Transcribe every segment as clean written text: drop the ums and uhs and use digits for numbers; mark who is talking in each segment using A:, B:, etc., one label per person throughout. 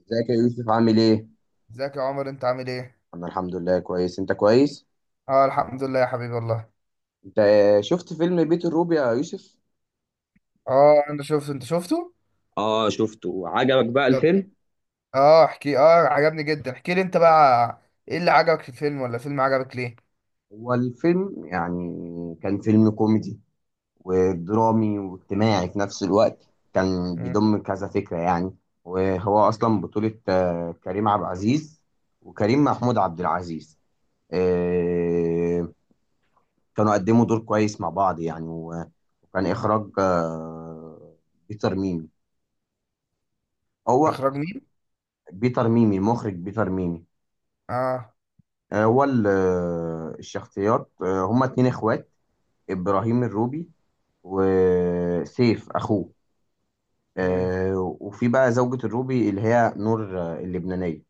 A: ازيك يا يوسف عامل ايه؟
B: ازيك يا عمر، انت عامل ايه؟
A: انا الحمد لله كويس. انت كويس؟
B: اه، الحمد لله يا حبيبي والله.
A: انت شفت فيلم بيت الروبي يا يوسف؟
B: اه، انا شفته. انت شفته؟
A: اه شفته. عجبك بقى
B: طب.
A: الفيلم؟
B: اه، احكي اه. عجبني جدا، احكي لي انت بقى. ايه اللي عجبك في الفيلم؟ ولا الفيلم عجبك ليه؟
A: هو الفيلم يعني كان فيلم كوميدي ودرامي واجتماعي في نفس الوقت، كان
B: مم.
A: بيضم كذا فكرة يعني. وهو اصلا بطولة كريم عبد العزيز وكريم محمود عبد العزيز. آه، كانوا قدموا دور كويس مع بعض يعني وكان اخراج بيتر ميمي. هو
B: اخراج مين؟
A: بيتر ميمي، المخرج بيتر ميمي.
B: اه.
A: هو الشخصيات هما اتنين اخوات، ابراهيم الروبي وسيف اخوه.
B: امم.
A: وفي بقى زوجة الروبي اللي هي نور، اللبنانية.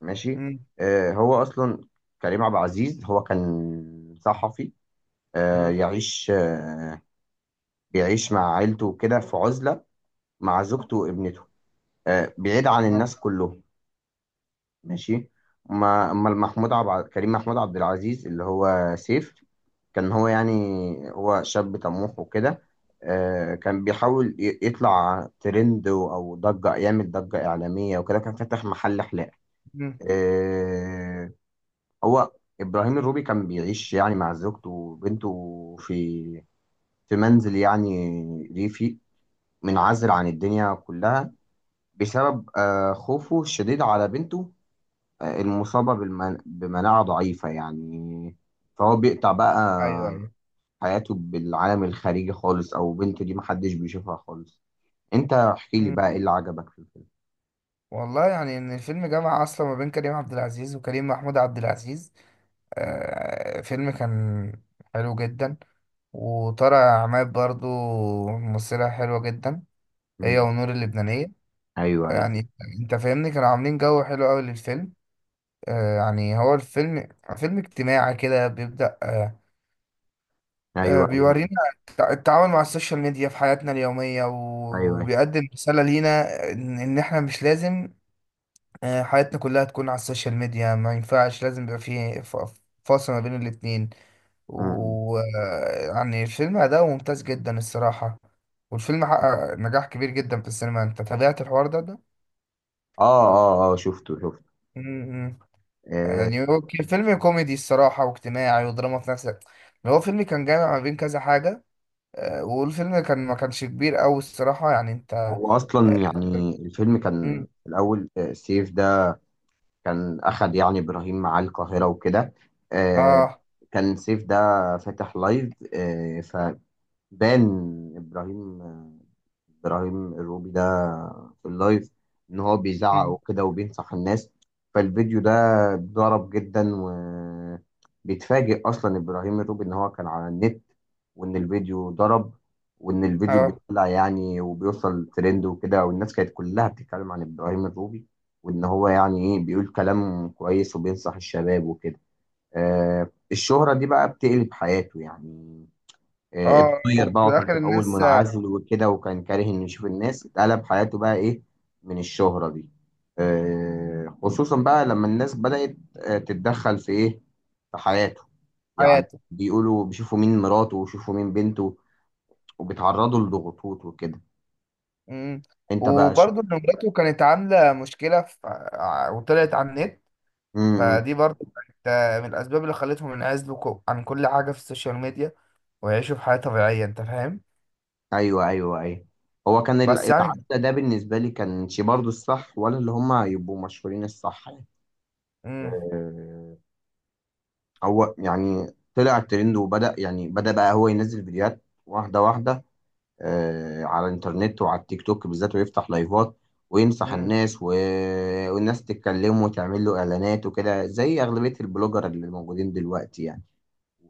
A: ماشي.
B: امم.
A: هو اصلا كريم عبد العزيز هو كان صحفي، آه،
B: امم.
A: يعيش آه، بيعيش مع عيلته كده في عزلة، مع زوجته وابنته، بعيد عن
B: اه.
A: الناس كلهم. ماشي. أما كريم محمود عبد العزيز اللي هو سيف، كان هو يعني هو شاب طموح وكده. كان بيحاول يطلع ترند او ضجة، يعمل ضجة إعلامية وكده، كان فاتح محل حلاقة.
B: امم.
A: آه، هو إبراهيم الروبي كان بيعيش يعني مع زوجته وبنته في منزل يعني ريفي، منعزل عن الدنيا كلها بسبب خوفه الشديد على بنته المصابة بمناعة ضعيفة يعني، فهو بيقطع بقى
B: ايوه، ايوه.
A: حياته بالعالم الخارجي خالص، أو بنته دي محدش بيشوفها خالص. أنت احكي لي
B: امم.
A: بقى إيه اللي عجبك في الفيلم.
B: والله، يعني ان الفيلم جمع اصلا ما بين كريم عبد العزيز وكريم محمود عبد العزيز. فيلم كان حلو جدا. وطارق عماد برضو ممثلة حلوة جدا، هي
A: مم.
B: ونور اللبنانية.
A: أيوه أيوه
B: يعني انت فاهمني، كانوا عاملين جو حلو قوي للفيلم. يعني هو الفيلم فيلم اجتماعي كده بيبدأ
A: أيوه. أيوه
B: بيورينا التعامل مع السوشيال ميديا في حياتنا اليومية،
A: أيوه.
B: وبيقدم رسالة لينا ان احنا مش لازم حياتنا كلها تكون على السوشيال ميديا. ما ينفعش، لازم يبقى فيه فاصل ما بين الاتنين.
A: مم.
B: ويعني الفيلم أداؤه ممتاز جدا الصراحة. والفيلم حقق نجاح كبير جدا في السينما. انت تابعت الحوار ده
A: آه آه آه، شفته شفته.
B: ده؟
A: آه
B: يعني هو كان فيلم كوميدي الصراحة، واجتماعي ودراما في نفس الوقت. هو فيلم كان جامع ما بين كذا حاجة. والفيلم كان ما كانش كبير أوي الصراحة، يعني أنت
A: هو أصلا يعني الفيلم كان
B: مم.
A: في الأول، سيف ده كان أخد يعني إبراهيم معاه القاهرة وكده. آه
B: آه
A: كان سيف ده فاتح لايف، آه ف بان ابراهيم ابراهيم الروبي ده في اللايف ان هو بيزعق
B: مم.
A: وكده، وبينصح الناس. فالفيديو ده ضرب جدا، وبيتفاجئ اصلا ابراهيم الروبي ان هو كان على النت، وان الفيديو ضرب، وان الفيديو
B: آه
A: بيطلع يعني وبيوصل ترند وكده، والناس كانت كلها بتتكلم عن ابراهيم الروبي، وان هو يعني ايه بيقول كلام كويس وبينصح الشباب وكده. الشهرة دي بقى بتقلب حياته يعني. اتغير بقى،
B: وفي
A: وكان في
B: الآخر
A: الأول
B: الناس
A: منعزل وكده، وكان كاره إنه يشوف الناس. اتقلب حياته بقى إيه من الشهرة دي، خصوصا بقى لما الناس بدأت تتدخل في إيه، في حياته يعني.
B: حياته.
A: بيقولوا بيشوفوا مين مراته ويشوفوا مين بنته، وبيتعرضوا لضغوطات وكده.
B: مم.
A: أنت بقى
B: وبرضه إن مراته كانت عاملة مشكلة في... وطلعت على النت.
A: امم
B: فدي برضه كانت من الأسباب اللي خلتهم ينعزلوا عن كل حاجة في السوشيال ميديا، ويعيشوا في حياة طبيعية. أنت فاهم؟
A: أيوه أيوه أيوه. هو كان
B: بس يعني.
A: العزل ده بالنسبة لي كانش برضه الصح، ولا اللي هما يبقوا مشهورين الصح يعني.
B: مم.
A: آه، هو يعني طلع الترند وبدأ يعني بدأ بقى هو ينزل فيديوهات واحدة واحدة على الإنترنت وعلى التيك توك بالذات، ويفتح لايفات وينصح
B: مم.
A: الناس. والناس تتكلمه وتعمل له إعلانات وكده، زي أغلبية البلوجر اللي موجودين دلوقتي يعني.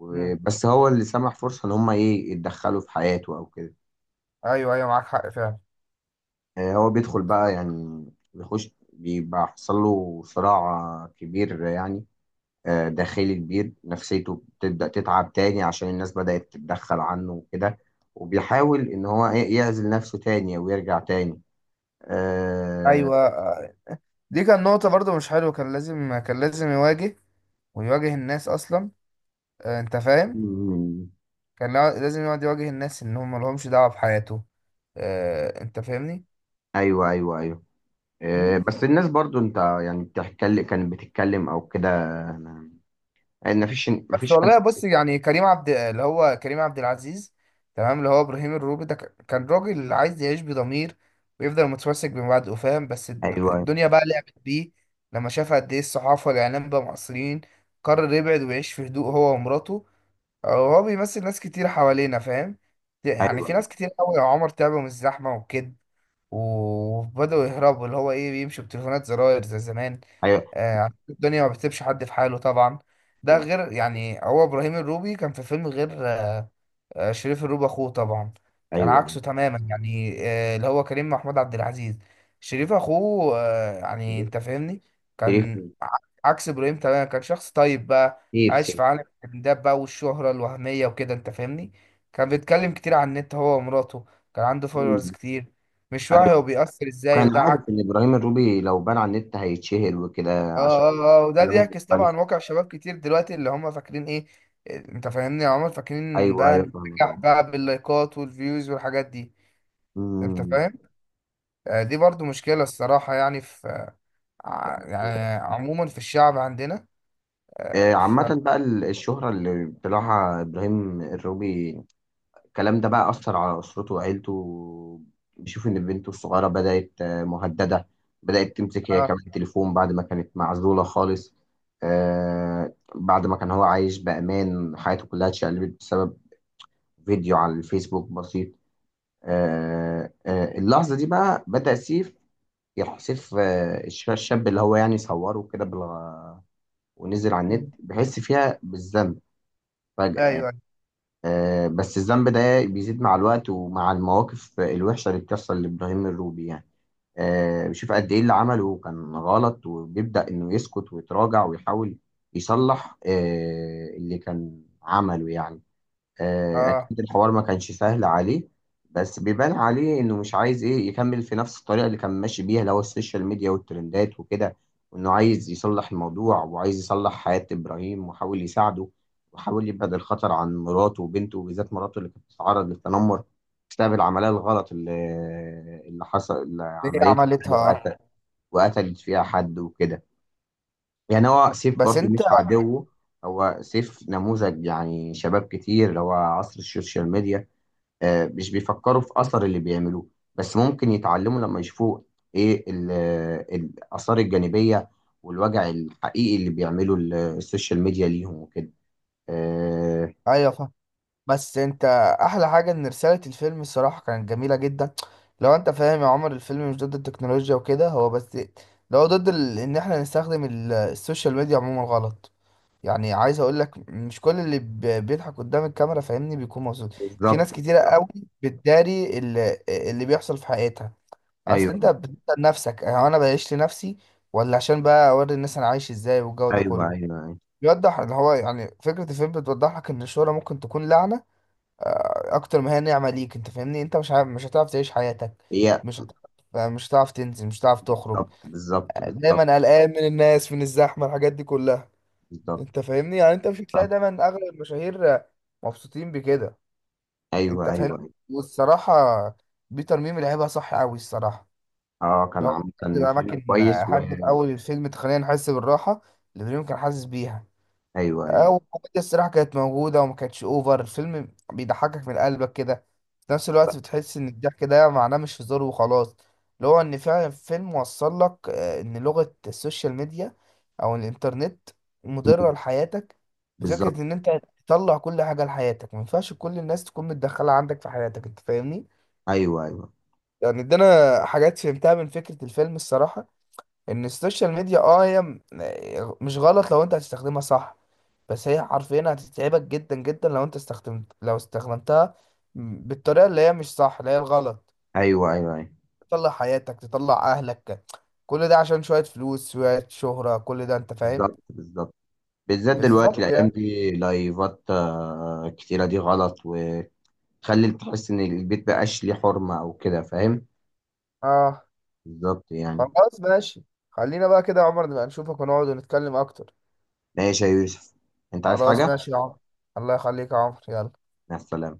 B: مم.
A: بس هو اللي سمح فرصة إن هما إيه يتدخلوا في حياته أو كده.
B: ايوه، ايوه، معاك حق فعلا.
A: هو بيدخل بقى يعني، بيخش، بيبقى حصل له صراع كبير يعني، داخلي كبير. نفسيته بتبدأ تتعب تاني عشان الناس بدأت تتدخل عنه وكده، وبيحاول إن هو إيه يعزل نفسه تاني ويرجع تاني. آه،
B: ايوه. دي كان نقطة برضو مش حلوة. كان لازم يواجه، ويواجه الناس اصلا. انت فاهم.
A: مم،
B: كان لازم يقعد يواجه الناس ان هم ملهمش دعوة بحياته. انت فاهمني.
A: أيوه أيوه أيوه.
B: مم.
A: بس الناس برضو أنت يعني كانت بتتكلم أو كده، مفيش
B: بس
A: مفيش حد.
B: والله بص، يعني كريم عبد العزيز. تمام، اللي هو ابراهيم الروبي ده كان راجل عايز يعيش بضمير، ويفضل متمسك بمبادئه، فاهم. بس
A: أيوه
B: الدنيا بقى لعبت بيه لما شاف قد ايه الصحافه والاعلام بقى مقصرين. قرر يبعد ويعيش في هدوء، هو ومراته. هو بيمثل ناس كتير حوالينا، فاهم. يعني في
A: أيوه
B: ناس كتير قوي يا عمر تعبوا من الزحمه والكد، وبداوا يهربوا، اللي هو ايه، بيمشوا بتليفونات زراير زي زمان.
A: أيوه
B: آه، عشان الدنيا ما بتسيبش حد في حاله طبعا. ده غير يعني، هو ابراهيم الروبي كان في فيلم غير شريف الروب اخوه طبعا، كان
A: أيوه.
B: عكسه تماما. يعني اللي هو كريم محمود عبد العزيز، شريف اخوه، يعني
A: شريف
B: انت فاهمني.
A: شريف
B: كان عكس ابراهيم تماما. كان شخص طيب بقى،
A: شريف،
B: عايش
A: سيف.
B: في عالم الترندات بقى والشهرة الوهمية وكده، انت فاهمني. كان بيتكلم كتير عن النت، هو ومراته. كان عنده فولورز
A: مم.
B: كتير. مش واعي هو
A: أيوه.
B: بيأثر ازاي،
A: كان
B: وده
A: عارف إن إبراهيم الروبي لو بان على النت هيتشهر وكده،
B: اه،
A: عشان
B: اه، اه. وده
A: كلامه
B: بيعكس
A: مختلف.
B: طبعا واقع شباب كتير دلوقتي اللي هم فاكرين ايه. انت فاهمني، هم فاكرين
A: ايوه
B: بقى
A: ايوه فاهمك.
B: النجاح بقى باللايكات والفيوز والحاجات دي. انت
A: امم
B: فاهم. دي برضو مشكلة الصراحة، يعني في يعني عموما في الشعب عندنا. آه، ف
A: عامة بقى الشهرة اللي طلعها إبراهيم الروبي، الكلام ده بقى أثر على أسرته وعيلته. بيشوف إن بنته الصغيرة بدأت، مهددة. بدأت تمسك هي
B: اه.
A: كمان تليفون بعد ما كانت معزولة خالص، بعد ما كان هو عايش بأمان. حياته كلها اتشقلبت بسبب فيديو على الفيسبوك بسيط. اللحظة دي بقى بدأ سيف، يروح سيف، الشاب اللي هو يعني صوره كده ونزل على
B: مم.
A: النت بحس فيها بالذنب فجأة
B: ايوه،
A: يعني.
B: أيوة.
A: بس الذنب ده بيزيد مع الوقت، ومع المواقف الوحشة اللي بتحصل لإبراهيم الروبي يعني. بشوف قد إيه اللي عمله كان غلط، وبيبدأ إنه يسكت ويتراجع، ويحاول يصلح اللي كان عمله يعني.
B: اه،
A: اكيد الحوار ما كانش سهل عليه. بس بيبان عليه انه مش عايز ايه يكمل في نفس الطريقه اللي كان ماشي بيها، اللي هو السوشيال ميديا والترندات وكده، وانه عايز يصلح الموضوع، وعايز يصلح حياه ابراهيم، وحاول يساعده، وحاول يبعد الخطر عن مراته وبنته، وبالذات مراته اللي كانت بتتعرض للتنمر بسبب العمليه الغلط اللي حصل، اللي
B: هي
A: عملتها يعني،
B: عملتها. اه.
A: وقتلت فيها حد وكده. يعني هو سيف
B: بس
A: برضو
B: انت.
A: مش عدو. هو سيف نموذج يعني شباب كتير، اللي هو عصر السوشيال ميديا، مش بيفكروا في أثر اللي بيعملوه. بس ممكن يتعلموا لما يشوفوا إيه الآثار الجانبية والوجع الحقيقي اللي بيعمله السوشيال ميديا ليهم وكده. آه،
B: ايوه، فاهم. بس انت. احلى حاجة ان رسالة الفيلم الصراحة كانت جميلة جدا. لو انت فاهم يا عمر، الفيلم مش ضد التكنولوجيا وكده، هو بس لو ضد ان احنا نستخدم السوشيال ميديا عموما غلط. يعني عايز اقول لك، مش كل اللي بيضحك قدام الكاميرا، فاهمني، بيكون مبسوط. في ناس
A: بالظبط.
B: كتيره قوي بتداري اللي بيحصل في حياتها. اصل انت
A: أيوه
B: بتسال نفسك، هو انا بعيش لنفسي ولا عشان بقى اوري الناس انا عايش ازاي والجو ده
A: أيوه أيوه
B: كله.
A: أيوه.
B: بيوضح اللي هو يعني فكره الفيلم، بتوضح لك ان الشهره ممكن تكون لعنه اكتر ما هي نعمه ليك، انت فاهمني. انت مش عارف، مش هتعرف تعيش حياتك.
A: هي.
B: مش هتعرف تنزل، مش هتعرف تخرج.
A: بالظبط بالظبط بالظبط
B: دايما قلقان من الناس، من الزحمه، الحاجات دي كلها.
A: بالظبط.
B: انت فاهمني، يعني انت مش هتلاقي
A: صح.
B: دايما اغلب المشاهير مبسوطين بكده. انت
A: أيوه أيوه
B: فاهمني.
A: أيوه.
B: والصراحه، بيتر ميمي لعبها صح قوي الصراحه.
A: أه، كان
B: لو
A: عامة
B: بتبقى
A: فيلم
B: اماكن،
A: كويس
B: حد في اول الفيلم، تخلينا نحس بالراحه اللي دريم كان حاسس بيها.
A: أيوه أيوه،
B: او الكوميديا الصراحه كانت موجوده وما كانتش اوفر. الفيلم بيضحكك من قلبك كده، في نفس
A: ب-
B: الوقت بتحس ان الضحك ده معناه مش هزار وخلاص. اللي هو ان فعلا الفيلم وصل لك ان لغه السوشيال ميديا او الانترنت مضره لحياتك. بفكره
A: بالظبط.
B: ان انت تطلع كل حاجه لحياتك، ما ينفعش كل الناس تكون متدخله عندك في حياتك. انت فاهمني.
A: ايوه ايوه
B: يعني ادانا حاجات فهمتها من فكره الفيلم الصراحه، ان السوشيال ميديا هي مش غلط لو انت هتستخدمها صح. بس هي حرفيا هتتعبك جدا جدا لو انت استخدمتها بالطريقه اللي هي مش صح، اللي هي الغلط.
A: ايوه ايوه ايوه.
B: تطلع حياتك، تطلع اهلك، كل ده عشان شويه فلوس، شويه شهره، كل ده، انت فاهم.
A: بالظبط بالظبط. بالذات دلوقتي
B: بالظبط
A: الايام
B: يعني.
A: دي لايفات، كتيره دي غلط وتخلي تحس ان البيت بقاش ليه حرمه او كده فاهم.
B: اه.
A: بالظبط يعني.
B: خلاص ماشي. خلينا بقى كده يا عمر، نبقى نشوفك ونقعد ونتكلم اكتر.
A: ماشي يا يوسف، انت عايز
B: خلاص
A: حاجه؟
B: ماشي يا عمر. الله يخليك يا عمر، يلا.
A: مع السلامه.